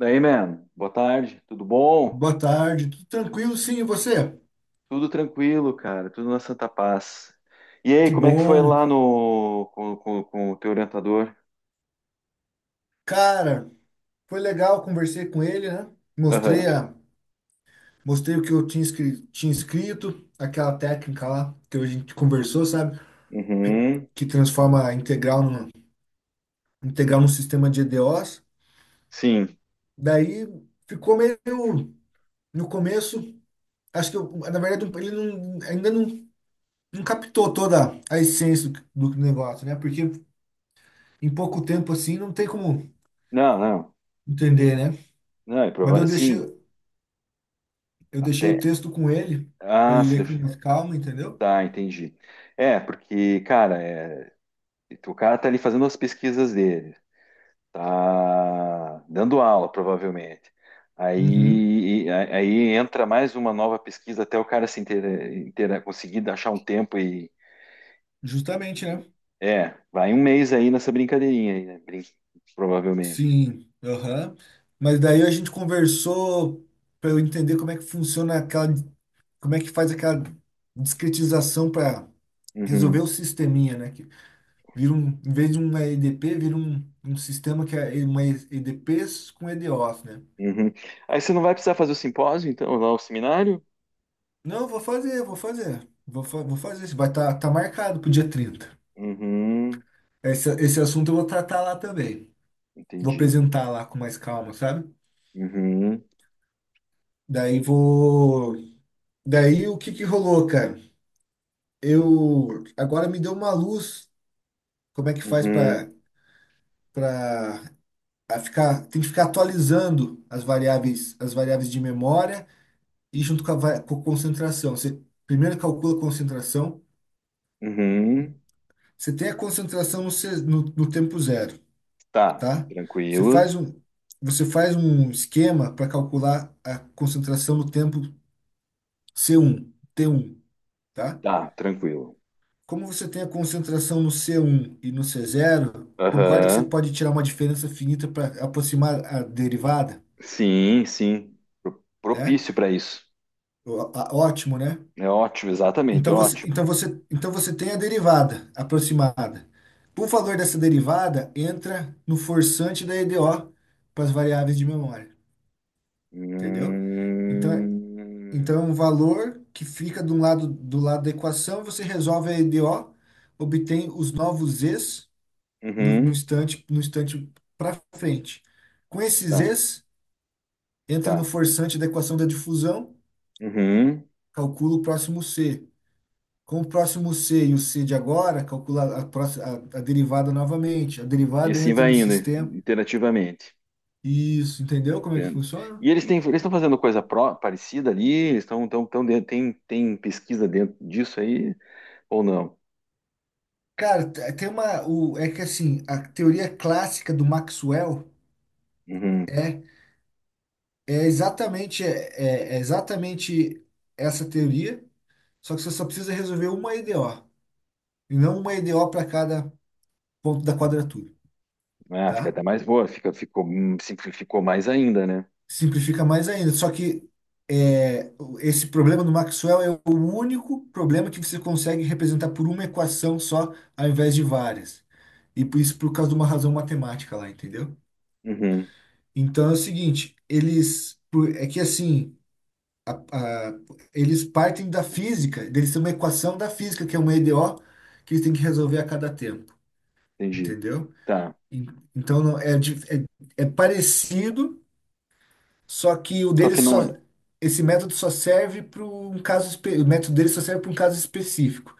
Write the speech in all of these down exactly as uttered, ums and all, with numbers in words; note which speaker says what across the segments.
Speaker 1: Daí, man, boa tarde, tudo bom?
Speaker 2: Boa tarde, tudo tranquilo? Sim, e você?
Speaker 1: Tudo tranquilo, cara, tudo na Santa Paz. E aí,
Speaker 2: Que
Speaker 1: como é que foi
Speaker 2: bom.
Speaker 1: lá no com, com- com o teu orientador?
Speaker 2: Cara, foi legal, conversei com ele, né? Mostrei,
Speaker 1: Aham.
Speaker 2: a, mostrei o que eu tinha, escri- tinha escrito, aquela técnica lá que a gente conversou, sabe?
Speaker 1: Uhum.
Speaker 2: Que transforma a integral num, integral num sistema de E D Os.
Speaker 1: Sim.
Speaker 2: Daí ficou meio no começo, acho que eu, na verdade um, ele não, ainda não, não captou toda a essência do, do negócio, né? Porque em pouco tempo assim não tem como
Speaker 1: Não, não. Bem,
Speaker 2: entender, né?
Speaker 1: não, é
Speaker 2: Mas eu
Speaker 1: provável. Sim,
Speaker 2: deixei. Eu deixei o
Speaker 1: até.
Speaker 2: texto com ele, para
Speaker 1: Ah,
Speaker 2: ele
Speaker 1: se
Speaker 2: ler com
Speaker 1: def-
Speaker 2: mais É. calma, entendeu?
Speaker 1: tá, entendi. É, porque, cara, é, o cara tá ali fazendo as pesquisas dele, tá dando aula, provavelmente.
Speaker 2: Uhum,
Speaker 1: Aí, aí entra mais uma nova pesquisa até o cara se inter, inter- conseguir achar um tempo e.
Speaker 2: justamente, né?
Speaker 1: É, vai um mês aí nessa brincadeirinha aí, né? Brin- provavelmente.
Speaker 2: Sim, aham. Mas daí a gente conversou para eu entender como é que funciona aquela, como é que faz aquela discretização para resolver
Speaker 1: Uhum,
Speaker 2: o sisteminha, né? Que vira um, em vez de uma E D P, vira um, um sistema que é uma E D Ps com E D Os, né?
Speaker 1: uhum. Aí você não vai precisar fazer o simpósio, então, lá o seminário?
Speaker 2: Não, vou fazer, vou fazer. Vou, fa- vou fazer. Isso. Vai estar tá, tá marcado pro dia trinta.
Speaker 1: Uhum,
Speaker 2: Esse, esse assunto eu vou tratar lá também. Vou
Speaker 1: entendi.
Speaker 2: apresentar lá com mais calma, sabe?
Speaker 1: Uhum,
Speaker 2: Daí vou. Daí o que que rolou, cara? Eu agora me deu uma luz. Como é que faz
Speaker 1: uhum,
Speaker 2: para para ficar? Tem que ficar atualizando as variáveis as variáveis de memória e junto com a va- com a concentração. Você primeiro calcula a concentração.
Speaker 1: uhum.
Speaker 2: Você tem a concentração no, ce- no, no tempo zero,
Speaker 1: Tá,
Speaker 2: tá? Você
Speaker 1: tranquilo.
Speaker 2: faz um você faz um esquema para calcular a concentração no tempo C um, T um, tá?
Speaker 1: Tá, tranquilo.
Speaker 2: Como você tem a concentração no C um e no C zero, concorda que você
Speaker 1: Aham,
Speaker 2: pode tirar uma diferença finita para aproximar a derivada,
Speaker 1: sim, sim. Pro-
Speaker 2: né?
Speaker 1: Propício para isso.
Speaker 2: Ó- ó- Ótimo, né?
Speaker 1: É ótimo, exatamente,
Speaker 2: Então você,
Speaker 1: ótimo.
Speaker 2: então você, então você tem a derivada aproximada. O valor dessa derivada entra no forçante da E D O para as variáveis de memória, entendeu? Então, é-
Speaker 1: Hum,
Speaker 2: então é um valor que fica do lado, do lado da equação, você resolve a E D O, obtém os novos z no, no
Speaker 1: uhum,
Speaker 2: instante, no instante para frente. Com esses
Speaker 1: tá,
Speaker 2: Es, entra no
Speaker 1: tá.
Speaker 2: forçante da equação da difusão,
Speaker 1: Uhum.
Speaker 2: calcula o próximo C. Com o próximo C e o C de agora, calcula a, próxima, a, a derivada novamente. A
Speaker 1: E
Speaker 2: derivada
Speaker 1: assim
Speaker 2: entra no
Speaker 1: vai indo,
Speaker 2: sistema.
Speaker 1: interativamente.
Speaker 2: Isso, entendeu como é que
Speaker 1: Entendo.
Speaker 2: funciona?
Speaker 1: E eles têm, eles estão fazendo coisa pró- parecida ali? Eles estão, estão, estão dentro- tem, tem pesquisa dentro disso aí ou não?
Speaker 2: Cara, te- tem uma. O, é que assim, a teoria clássica do Maxwell
Speaker 1: Uhum.
Speaker 2: é, é exatamente, é, é é exatamente essa teoria, só que você só precisa resolver uma E D O. E não uma E D O para cada ponto da quadratura,
Speaker 1: Ah, fica
Speaker 2: tá?
Speaker 1: até mais boa, fica, ficou, hum, simplificou mais ainda, né?
Speaker 2: Simplifica mais ainda. Só que é, o- esse problema do Maxwell é o único problema que você consegue representar por uma equação só, ao invés de várias. E por isso por causa de uma razão matemática lá, entendeu?
Speaker 1: Uhum,
Speaker 2: Então é o seguinte, eles por- é que assim, a- eles partem da física, eles têm uma equação da física, que é uma E D O, que eles têm que resolver a cada tempo,
Speaker 1: entendi.
Speaker 2: entendeu?
Speaker 1: Tá.
Speaker 2: En- Então não- é, dif- é é parecido. Só que o
Speaker 1: Só
Speaker 2: dele
Speaker 1: que não é.
Speaker 2: só. Esse método só serve para um caso. espe- O método dele só serve para um caso específico.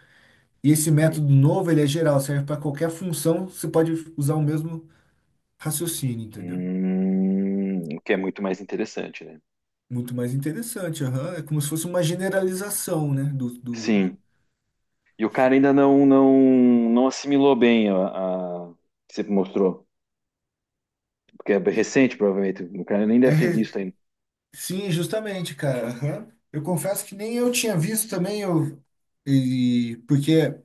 Speaker 2: E esse
Speaker 1: Hum,
Speaker 2: método novo, ele é geral, serve para qualquer função, você pode usar o mesmo raciocínio, entendeu?
Speaker 1: hum, o que é muito mais interessante, né?
Speaker 2: Muito mais interessante, aham. É como se fosse uma generalização, né? Do, do...
Speaker 1: Sim. E o cara ainda não não, não assimilou bem a, a que você mostrou. Porque é recente, provavelmente. O cara nem
Speaker 2: É
Speaker 1: deve ter
Speaker 2: re-
Speaker 1: visto ainda.
Speaker 2: Sim, justamente, cara. Aham. Eu confesso que nem eu tinha visto também, eu... e... porque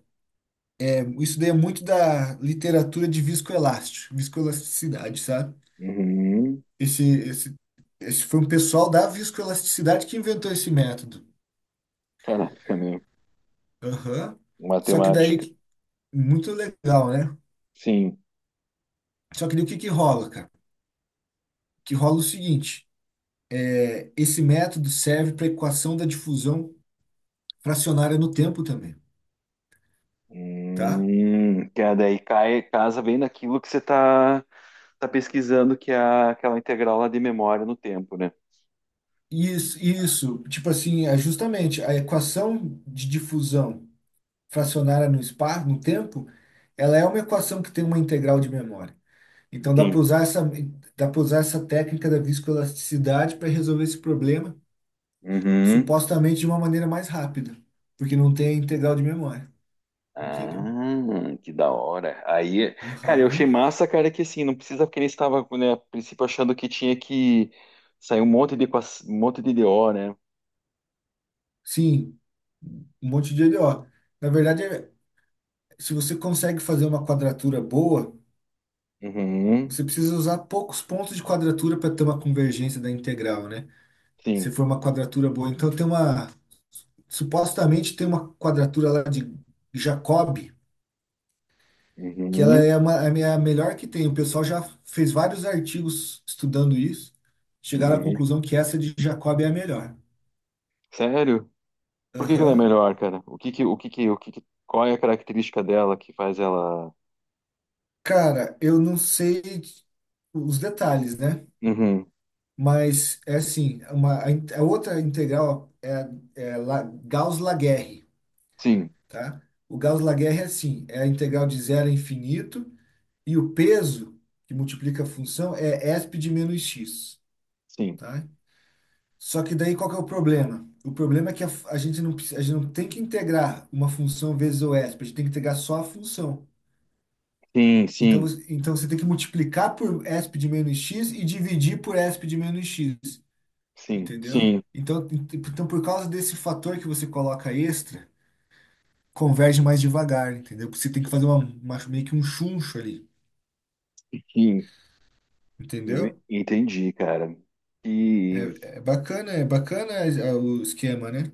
Speaker 2: é, isso daí é muito da literatura de viscoelástico, viscoelasticidade, sabe?
Speaker 1: Uhum.
Speaker 2: Esse, esse, esse foi um pessoal da viscoelasticidade que inventou esse método.
Speaker 1: Caraca, meu.
Speaker 2: Aham. Só que
Speaker 1: Matemática.
Speaker 2: daí, muito legal, né?
Speaker 1: Sim.
Speaker 2: Só que daí o que que rola, cara? Que rola é o seguinte, é, esse método serve para equação da difusão fracionária no tempo também, tá?
Speaker 1: Hum, que é daí cai, casa bem naquilo que você está tá tá pesquisando, que é a- aquela integral lá de memória no tempo, né?
Speaker 2: Isso, isso, tipo assim, é justamente a equação de difusão fracionária no espaço, no tempo, ela é uma equação que tem uma integral de memória. Então dá para
Speaker 1: Sim.
Speaker 2: usar essa, dá para usar essa técnica da viscoelasticidade para resolver esse problema,
Speaker 1: Uhum.
Speaker 2: supostamente de uma maneira mais rápida, porque não tem a integral de memória,
Speaker 1: Ah,
Speaker 2: entendeu?
Speaker 1: que da hora. Aí, cara, eu achei
Speaker 2: Aham.
Speaker 1: massa, cara, que assim, não precisa, porque ele estava, né, a princípio achando que tinha que sair um monte de, equa- um monte de D O, né?
Speaker 2: Sim, um monte de L O. Na verdade, é- se você consegue fazer uma quadratura boa,
Speaker 1: Uhum,
Speaker 2: você precisa usar poucos pontos de quadratura para ter uma convergência da integral, né? Se
Speaker 1: sim.
Speaker 2: for uma quadratura boa, então tem uma supostamente tem uma quadratura lá de Jacob que ela
Speaker 1: Uhum,
Speaker 2: é uma, é a minha melhor que tem. O pessoal já fez vários artigos estudando isso, chegaram à
Speaker 1: uhum.
Speaker 2: conclusão que essa de Jacob é a melhor.
Speaker 1: Sério? Por que que ela é
Speaker 2: Aham.
Speaker 1: melhor, cara? O que que, o que que, o que que, qual é a característica dela que faz ela...
Speaker 2: Cara, eu não sei os detalhes, né?
Speaker 1: Uhum,
Speaker 2: Mas é assim, uma, a, in- a outra integral é, a- é La, Gauss-Laguerre,
Speaker 1: sim,
Speaker 2: tá? O Gauss-Laguerre é assim, é a integral de zero a infinito e o peso que multiplica a função é esp de menos x,
Speaker 1: sim,
Speaker 2: tá? Só que daí qual que é o problema? O problema é que a, f- a gente não, precisa- a gente não tem que integrar uma função vezes o E s p, a gente tem que integrar só a função.
Speaker 1: sim,
Speaker 2: Então,
Speaker 1: sim,
Speaker 2: você- então você tem que multiplicar por E s p de menos x e dividir por E s p de menos x,
Speaker 1: sim,
Speaker 2: entendeu?
Speaker 1: sim,
Speaker 2: Então, ent- então por causa desse fator que você coloca extra, converge mais devagar, entendeu? Porque você tem que fazer uma, uma- meio que um chuncho ali,
Speaker 1: sim.
Speaker 2: entendeu?
Speaker 1: Entendi, cara.
Speaker 2: É bacana, é bacana é, é o esquema, né?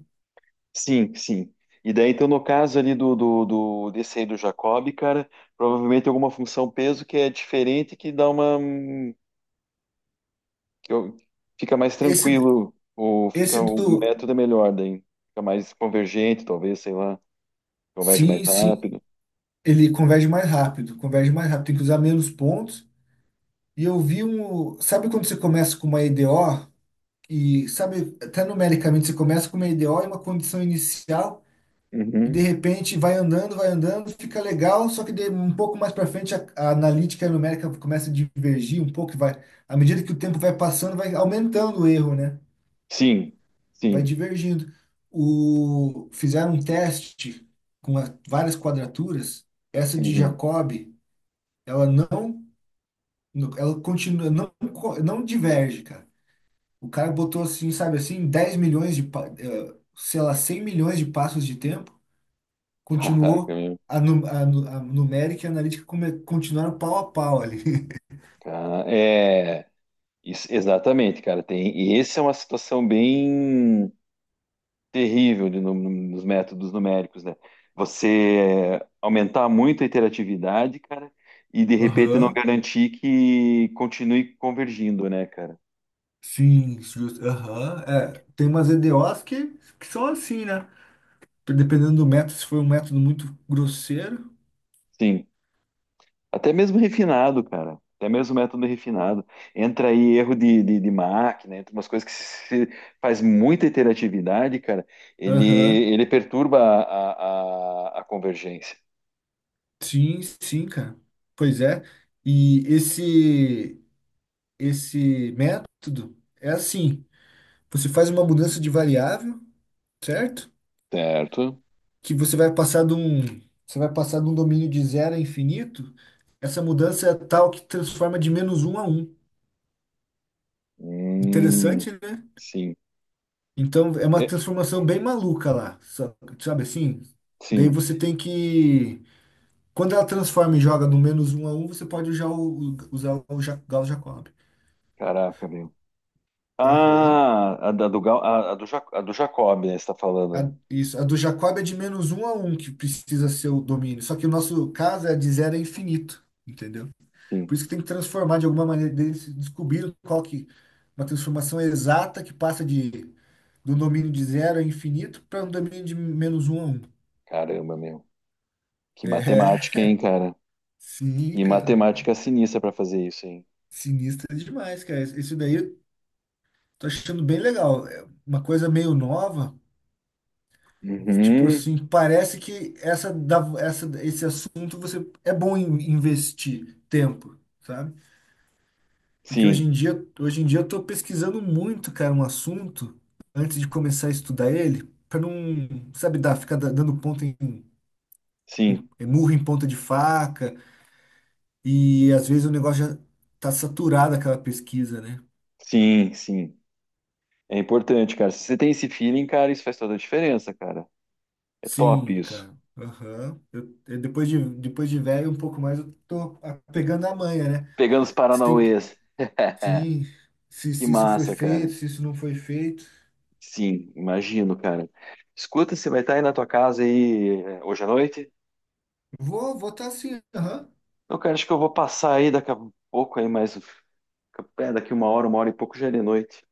Speaker 1: Sim, sim. E daí, então, no caso ali do, do, do- desse aí do Jacob, cara, provavelmente tem alguma função peso que é diferente, que dá uma. que eu- Fica mais
Speaker 2: Esse,
Speaker 1: tranquilo, ou fica,
Speaker 2: esse
Speaker 1: o
Speaker 2: do.
Speaker 1: método é melhor, daí fica mais convergente, talvez, sei lá, converge mais
Speaker 2: Sim, sim.
Speaker 1: rápido.
Speaker 2: Ele converge mais rápido, converge mais rápido, tem que usar menos pontos. E eu vi um. Sabe quando você começa com uma E D O? E sabe, até numericamente você começa com uma E D O e uma condição inicial, e de
Speaker 1: Uhum.
Speaker 2: repente vai andando, vai andando, fica legal, só que de, um pouco mais para frente a, a analítica e a numérica começa a divergir um pouco, e vai, à medida que o tempo vai passando, vai aumentando o erro, né?
Speaker 1: Sim,
Speaker 2: Vai
Speaker 1: sim.
Speaker 2: divergindo. O, fizeram um teste com a- várias quadraturas, essa de
Speaker 1: Uhum.
Speaker 2: Jacobi, ela não No- ela continua, não, co- não diverge, cara. O cara botou assim, sabe assim, dez milhões de, pa- eh, sei lá, cem milhões de passos de tempo,
Speaker 1: Caraca,
Speaker 2: continuou,
Speaker 1: meu.
Speaker 2: a, nu- a, nu- a numérica e a analítica come- continuaram pau a pau ali.
Speaker 1: Ca- É, isso- exatamente, cara. Tem, e essa é uma situação bem. terrível de nu- nos métodos numéricos, né? Você aumentar muito a interatividade, cara, e de repente não
Speaker 2: Aham,
Speaker 1: garantir que continue convergindo, né, cara?
Speaker 2: Sim, justo. Aham, é. Tem umas E D Os que, que são assim, né? Dependendo do método, se foi um método muito grosseiro.
Speaker 1: Sim. Até mesmo refinado, cara. Até mesmo método refinado. Entra aí erro de, de, de máquina, entra umas coisas que se faz muita interatividade, cara, ele,
Speaker 2: Aham,
Speaker 1: ele perturba a, a, a convergência.
Speaker 2: Sim, sim, cara. Pois é. E esse, esse método é assim. Você faz uma mudança de variável, certo?
Speaker 1: Certo?
Speaker 2: Que você vai passar de um, você vai passar de um domínio de zero a infinito. Essa mudança é tal que transforma de menos um a um.
Speaker 1: Hum,
Speaker 2: Interessante, né?
Speaker 1: sim.
Speaker 2: Então é uma
Speaker 1: É,
Speaker 2: transformação bem maluca lá, sa- sabe assim? Daí
Speaker 1: sim.
Speaker 2: você tem que, quando ela transforma e joga no menos um a um, você pode já u- usar o Ja- Gauss Jacob.
Speaker 1: Caraca, meu.
Speaker 2: Aham.
Speaker 1: Ah, a da do, Gal- a, a do, Ja- A do Jacob, né? Você está
Speaker 2: A,
Speaker 1: falando.
Speaker 2: isso, a do Jacob é de menos um a um que precisa ser o domínio. Só que o nosso caso é de zero a infinito, entendeu?
Speaker 1: Sim,
Speaker 2: Por isso que tem que transformar de alguma maneira, eles descobriram qual que uma transformação exata que passa de do domínio de zero a infinito para um domínio de menos um a um.
Speaker 1: caramba, meu. Que matemática,
Speaker 2: É,
Speaker 1: hein, cara?
Speaker 2: sim,
Speaker 1: Que
Speaker 2: cara.
Speaker 1: matemática sinistra para fazer isso, hein?
Speaker 2: Sinistro demais, cara. Isso daí eu tô achando bem legal. É uma coisa meio nova, tipo
Speaker 1: Uhum.
Speaker 2: assim, parece que essa, da- essa, esse assunto você é bom em investir tempo, sabe? Porque hoje
Speaker 1: Sim,
Speaker 2: em dia, hoje em dia eu tô pesquisando muito, cara, um assunto antes de começar a estudar ele, para não, sabe, dar, ficar da- dando ponto em,
Speaker 1: sim,
Speaker 2: em- é, murro em ponta de faca, e às vezes o negócio já tá saturado aquela pesquisa, né?
Speaker 1: sim, sim. É importante, cara. Se você tem esse feeling, cara, isso faz toda a diferença, cara. É top
Speaker 2: Sim,
Speaker 1: isso.
Speaker 2: cara. Aham. Eu, eu- depois de depois de velho um pouco mais eu tô a- pegando a manha, né?
Speaker 1: Pegando os
Speaker 2: Você tem que,
Speaker 1: paranauês.
Speaker 2: sim, se,
Speaker 1: Que
Speaker 2: se isso foi
Speaker 1: massa, cara.
Speaker 2: feito, se isso não foi feito.
Speaker 1: Sim, imagino, cara. Escuta, você vai estar aí na tua casa aí eh, hoje à noite?
Speaker 2: Vou, vou estar tá assim, aham.
Speaker 1: Não, cara, acho que eu vou passar aí daqui a pouco aí mais. É, daqui uma hora, uma hora e pouco já é de noite.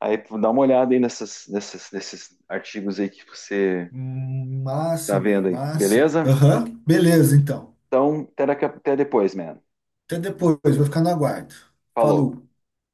Speaker 1: Aí tu dá uma olhada aí nessas, nessas, nesses artigos aí que você
Speaker 2: Hum,
Speaker 1: tá
Speaker 2: massa,
Speaker 1: vendo
Speaker 2: velho,
Speaker 1: aí,
Speaker 2: massa.
Speaker 1: beleza?
Speaker 2: Aham, beleza, então.
Speaker 1: Então, até, daqui a- até depois, man.
Speaker 2: Até depois, vou ficar no aguardo.
Speaker 1: Falou.
Speaker 2: Falou.